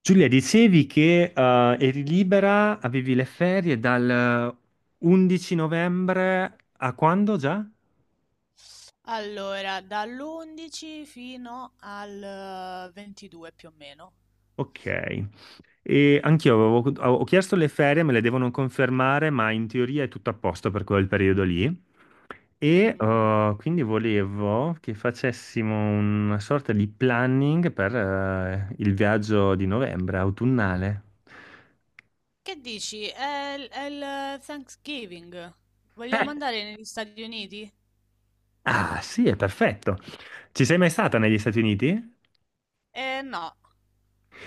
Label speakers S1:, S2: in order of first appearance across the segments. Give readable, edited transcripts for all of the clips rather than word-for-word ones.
S1: Giulia, dicevi che eri libera, avevi le ferie dal 11 novembre a quando già?
S2: Allora, dall'11 fino al 22 più o meno.
S1: Ok. E anch'io ho chiesto le ferie, me le devono confermare, ma in teoria è tutto a posto per quel periodo lì. E
S2: Mhm.
S1: quindi volevo che facessimo una sorta di planning per il viaggio di novembre, autunnale.
S2: Che dici? È il Thanksgiving. Vogliamo
S1: Eh,
S2: andare negli Stati Uniti?
S1: ah, sì, è perfetto. Ci sei mai stata negli Stati Uniti?
S2: Eh no.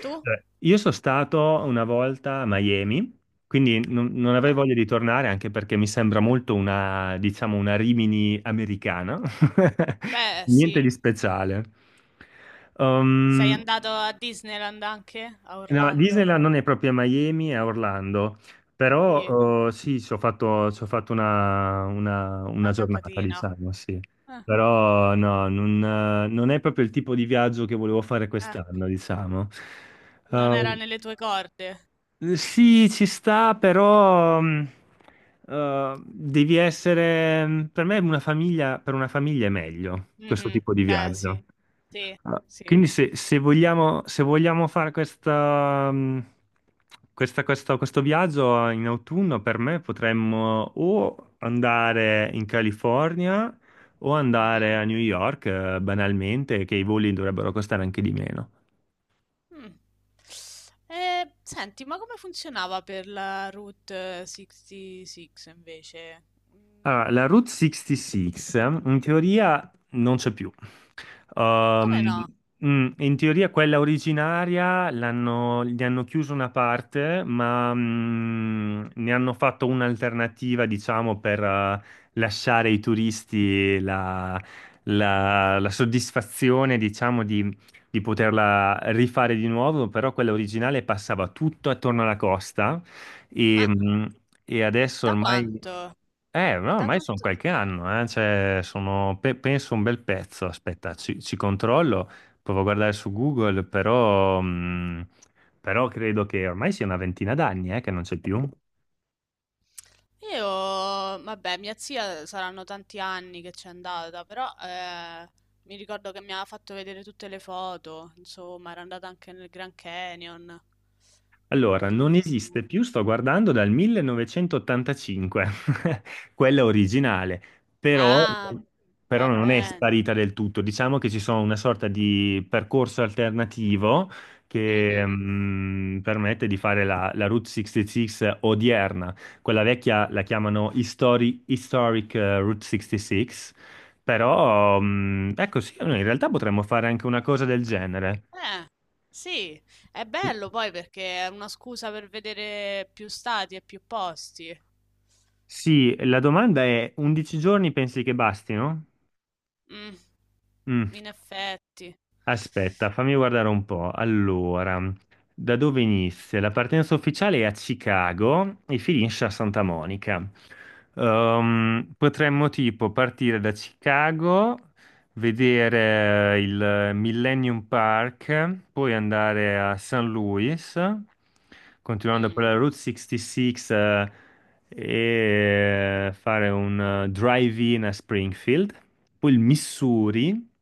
S2: Tu?
S1: Cioè, io sono stato una volta a Miami, quindi non avrei
S2: Ah,
S1: voglia di tornare anche perché mi sembra molto diciamo, una Rimini americana.
S2: beh,
S1: Niente
S2: sì.
S1: di speciale.
S2: Sei
S1: Um,
S2: andato a Disneyland anche? A
S1: no,
S2: Orlando?
S1: Disneyland non è proprio a Miami, è a Orlando,
S2: Sì,
S1: però sì, ci ho fatto una
S2: una
S1: giornata,
S2: capatina.
S1: diciamo, sì.
S2: Ah,
S1: Però no, non è proprio il tipo di viaggio che volevo fare
S2: ah,
S1: quest'anno, diciamo.
S2: non era
S1: Ehm,
S2: nelle tue corde.
S1: sì, ci sta, però devi essere... Per me una famiglia, per una famiglia è meglio questo
S2: Mhm.
S1: tipo di
S2: Eh sì.
S1: viaggio.
S2: Sì, sì.
S1: Quindi se vogliamo fare questo viaggio in autunno, per me potremmo o andare in California o andare
S2: Mhm.
S1: a New York, banalmente, che i voli dovrebbero costare anche di meno.
S2: Mh. E senti, ma come funzionava per la Route 66 invece? Mhmm,
S1: Allora, la Route 66 in teoria non c'è più. Um,
S2: Come no?
S1: In teoria quella originaria gli hanno chiuso una parte, ma ne hanno fatto un'alternativa, diciamo, per lasciare ai turisti la soddisfazione, diciamo, di poterla rifare di nuovo, però quella originale passava tutto attorno alla costa e,
S2: Ma
S1: mm, e adesso
S2: da
S1: ormai...
S2: quanto?
S1: No,
S2: Da
S1: ormai sono
S2: quanto
S1: qualche anno, cioè, sono, penso un bel pezzo, aspetta, ci controllo, provo a guardare su Google, però credo che ormai sia una ventina d'anni, che non c'è più.
S2: io Vabbè, mia zia saranno tanti anni che c'è andata, però, mi ricordo che mi aveva fatto vedere tutte le foto, insomma, era andata anche nel Grand Canyon.
S1: Allora, non
S2: Bellissimo.
S1: esiste più, sto guardando dal 1985, quella originale, però,
S2: Ah,
S1: però
S2: va
S1: non è
S2: bene.
S1: sparita del tutto. Diciamo che ci sono una sorta di percorso alternativo che
S2: Mh-mh.
S1: permette di fare la Route 66 odierna. Quella vecchia la chiamano Historic Route 66, però ecco sì, noi in realtà potremmo fare anche una cosa del genere.
S2: Eh, sì, è bello poi perché è una scusa per vedere più stati e più posti.
S1: Sì, la domanda è 11 giorni pensi che bastino?
S2: Mm,
S1: Mm.
S2: in effetti.
S1: Aspetta, fammi guardare un po'. Allora, da dove inizia? La partenza ufficiale è a Chicago e finisce a Santa Monica. Potremmo tipo partire da Chicago, vedere il Millennium Park, poi andare a St. Louis, continuando per la
S2: Mm,
S1: Route 66, e fare un drive-in a Springfield, poi il Missouri.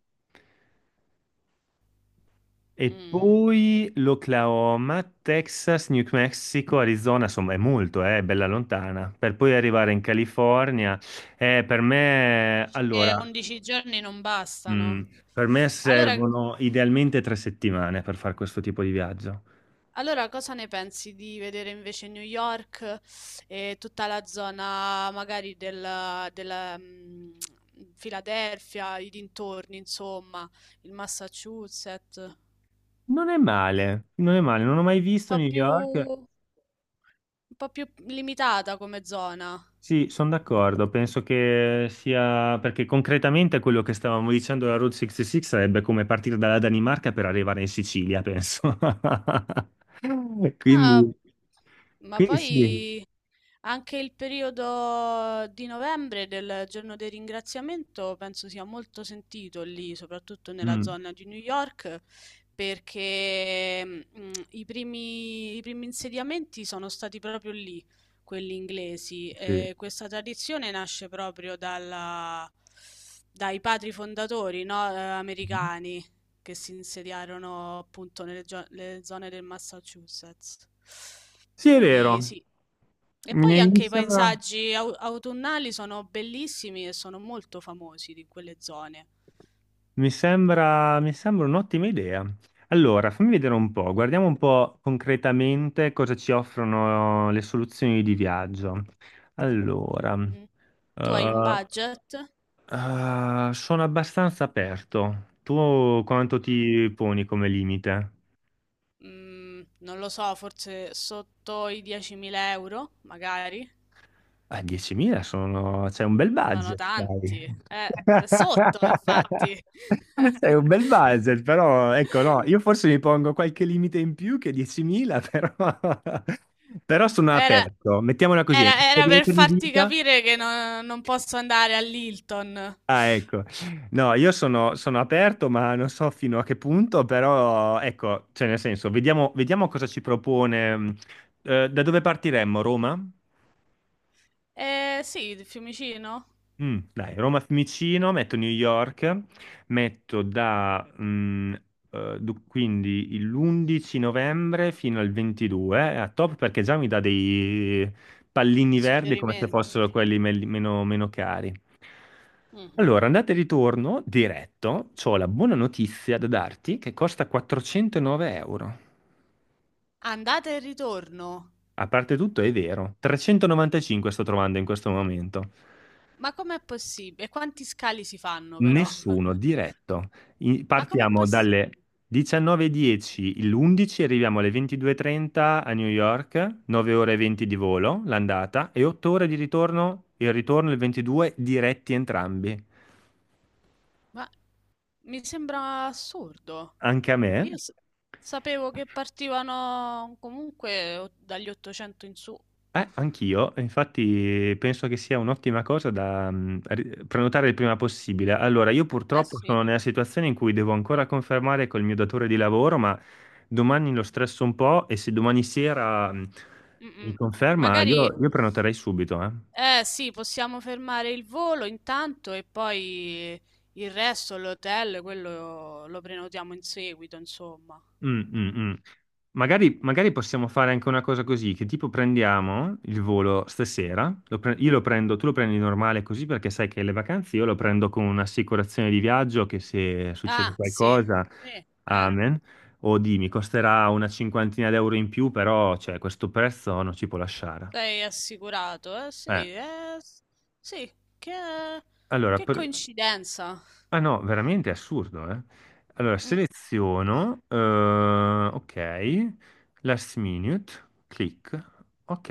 S1: E
S2: mm.
S1: poi l'Oklahoma, Texas, New Mexico, Arizona, insomma è è bella lontana, per poi arrivare in California. Per me,
S2: Dici che
S1: allora,
S2: 11 giorni non
S1: mm,
S2: bastano.
S1: per me
S2: Allora,
S1: servono idealmente tre settimane per fare questo tipo di viaggio.
S2: allora, cosa ne pensi di vedere invece New York e tutta la zona magari della, Filadelfia, i dintorni, insomma, il Massachusetts?
S1: Non è male, non è male, non ho mai visto
S2: po'
S1: New
S2: più,
S1: York.
S2: un po' più limitata come zona.
S1: Sì, sono d'accordo, penso che sia perché concretamente quello che stavamo dicendo la Route 66 sarebbe come partire dalla Danimarca per arrivare in Sicilia, penso.
S2: No,
S1: Quindi,
S2: ma
S1: sì.
S2: poi anche il periodo di novembre del giorno del ringraziamento penso sia molto sentito lì, soprattutto nella
S1: Mm,
S2: zona di New York, perché i primi insediamenti sono stati proprio lì, quelli inglesi.
S1: sì.
S2: E questa tradizione nasce proprio dai padri fondatori, no,
S1: Mm-hmm.
S2: americani che si insediarono appunto le zone del Massachusetts.
S1: Sì, è
S2: Quindi
S1: vero,
S2: sì. E
S1: mi
S2: poi
S1: mi
S2: anche i
S1: sembra,
S2: paesaggi autunnali sono bellissimi e sono molto famosi di quelle zone.
S1: mi sembra un'ottima idea. Allora, fammi vedere un po', guardiamo un po' concretamente cosa ci offrono le soluzioni di viaggio. Allora,
S2: Mhm. Tu hai un
S1: eh,
S2: budget?
S1: ah, sono abbastanza aperto. Tu quanto
S2: Mm,
S1: ti poni come limite?
S2: Non lo so, forse sotto i 10.000 euro, magari.
S1: Ah, 10.000 sono... C'è un bel
S2: Sono
S1: budget, dai.
S2: tanti. Sotto, infatti.
S1: Sei un bel budget, però ecco, no, io forse mi pongo qualche limite in più che 10.000, però, però sono
S2: Era,
S1: aperto. Mettiamola così, è
S2: era per
S1: un'esperienza di
S2: farti
S1: vita.
S2: capire che non posso andare all'Hilton.
S1: Ah, ecco. No, io sono aperto, ma non so fino a che punto, però ecco, cioè nel senso, vediamo, cosa ci propone. Da dove partiremmo? Roma?
S2: Eh sì, di Fiumicino?
S1: Mm, dai, Roma Fiumicino, metto New York, metto da quindi l'11 novembre fino al 22, a top perché già mi dà dei pallini
S2: Dei
S1: verdi come se
S2: suggerimenti.
S1: fossero quelli meno cari.
S2: Mhm.
S1: Allora, andata e ritorno diretto, ho la buona notizia da darti che costa 409 euro.
S2: Andata e ritorno.
S1: A parte tutto, è vero, 395 sto trovando in questo momento.
S2: Ma com'è possibile? Quanti scali si fanno però?
S1: Nessuno diretto.
S2: Ma com'è
S1: Partiamo dalle
S2: possibile?
S1: 19:10 l'11, arriviamo alle 22:30 a New York, 9 ore e 20 di volo l'andata e 8 ore di ritorno il 22 diretti entrambi.
S2: Ma mi sembra assurdo.
S1: Anche a me.
S2: Io sapevo che partivano comunque dagli 800 in su.
S1: Anch'io, infatti penso che sia un'ottima cosa da prenotare il prima possibile. Allora, io
S2: Eh
S1: purtroppo
S2: sì.
S1: sono nella situazione in cui devo ancora confermare col mio datore di lavoro, ma domani lo stresso un po' e se domani sera
S2: Mm,
S1: mi
S2: mm.
S1: conferma,
S2: Magari.
S1: io prenoterei subito, eh.
S2: Eh sì, possiamo fermare il volo intanto e poi il resto, l'hotel, quello lo prenotiamo in seguito, insomma.
S1: Mm, mm, mm. Magari, magari possiamo fare anche una cosa così, che tipo prendiamo il volo stasera, io lo prendo, tu lo prendi normale così perché sai che le vacanze io lo prendo con un'assicurazione di viaggio che se succede
S2: Ah, sì,
S1: qualcosa,
S2: sì, eh,
S1: amen, o di mi costerà una cinquantina d'euro in più, però cioè, questo prezzo non ci può lasciare.
S2: sei assicurato, eh sì,
S1: Eh,
S2: sì, che,
S1: allora.
S2: che coincidenza.
S1: Ah no, veramente è assurdo, eh. Allora,
S2: Mm,
S1: seleziono, ok, last minute, clic, ok.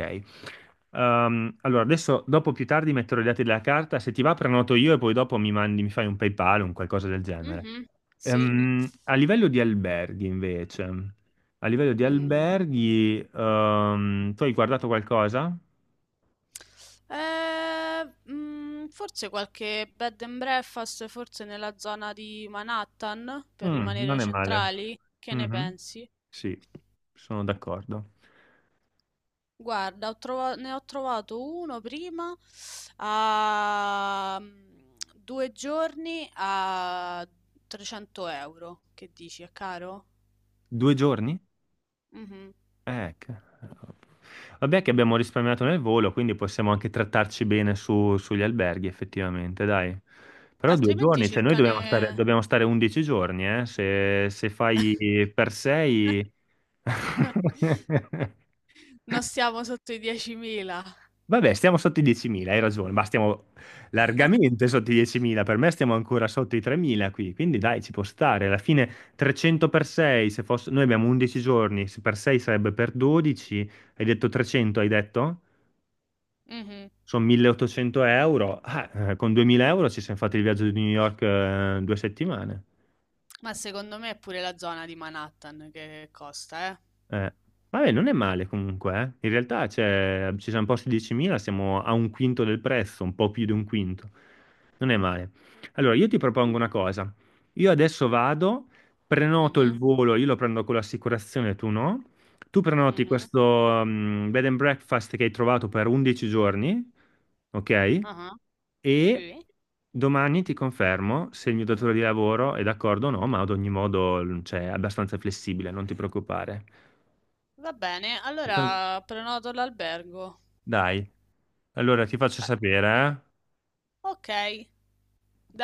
S1: Allora, adesso, dopo più tardi metterò i dati della carta, se ti va prenoto io e poi dopo mi mandi, mi fai un PayPal o un qualcosa del genere.
S2: mhm,
S1: Sì.
S2: sì.
S1: A livello di alberghi, invece, a livello di
S2: Mm.
S1: alberghi, tu hai guardato qualcosa?
S2: Forse qualche bed and breakfast, forse nella zona di Manhattan, per
S1: Mm,
S2: rimanere
S1: non è male.
S2: centrali. Che ne
S1: Mhm.
S2: pensi?
S1: Sì, sono d'accordo.
S2: Guarda, ne ho trovato uno prima a 2 giorni a 300 euro. Che dici, è caro?
S1: Due giorni?
S2: Mhm.
S1: Eh, che- Vabbè che abbiamo risparmiato nel volo, quindi possiamo anche trattarci bene sugli alberghi, effettivamente, dai. Però due
S2: Altrimenti
S1: giorni, cioè noi dobbiamo stare,
S2: cercane...
S1: dobbiamo stare 11 giorni, eh? Se fai per sei...
S2: Non stiamo sotto i 10.000.
S1: Vabbè, stiamo sotto i 10.000, hai ragione, ma stiamo largamente sotto i 10.000, per me stiamo ancora sotto i 3.000 qui, quindi dai, ci può stare. Alla fine 300 per 6, se fosse... noi abbiamo 11 giorni, se per 6 sarebbe per 12, hai detto 300, hai detto?
S2: Mhm.
S1: Sono 1.800 euro. Ah, con 2.000 euro ci siamo fatti il viaggio di New York, due settimane.
S2: Ma secondo me è pure la zona di Manhattan che costa, eh.
S1: Eh, vabbè, non è male comunque, eh. In realtà ci siamo posti 10.000, siamo a un quinto del prezzo, un po' più di un quinto. Non è male. Allora, io ti
S2: Mm.
S1: propongo una cosa. Io adesso vado, prenoto il
S2: Mhm,
S1: volo, io lo prendo con l'assicurazione, tu no. Tu prenoti
S2: mhm,
S1: questo
S2: sì.
S1: bed and breakfast che hai trovato per 11 giorni, ok?
S2: Ah.
S1: E
S2: Sì.
S1: domani ti confermo se il mio datore di lavoro è d'accordo o no, ma ad ogni modo, cioè, è abbastanza flessibile, non ti preoccupare.
S2: Va bene, allora prenoto l'albergo.
S1: Dai, allora ti faccio
S2: Beh,
S1: sapere, eh?
S2: ok, dai.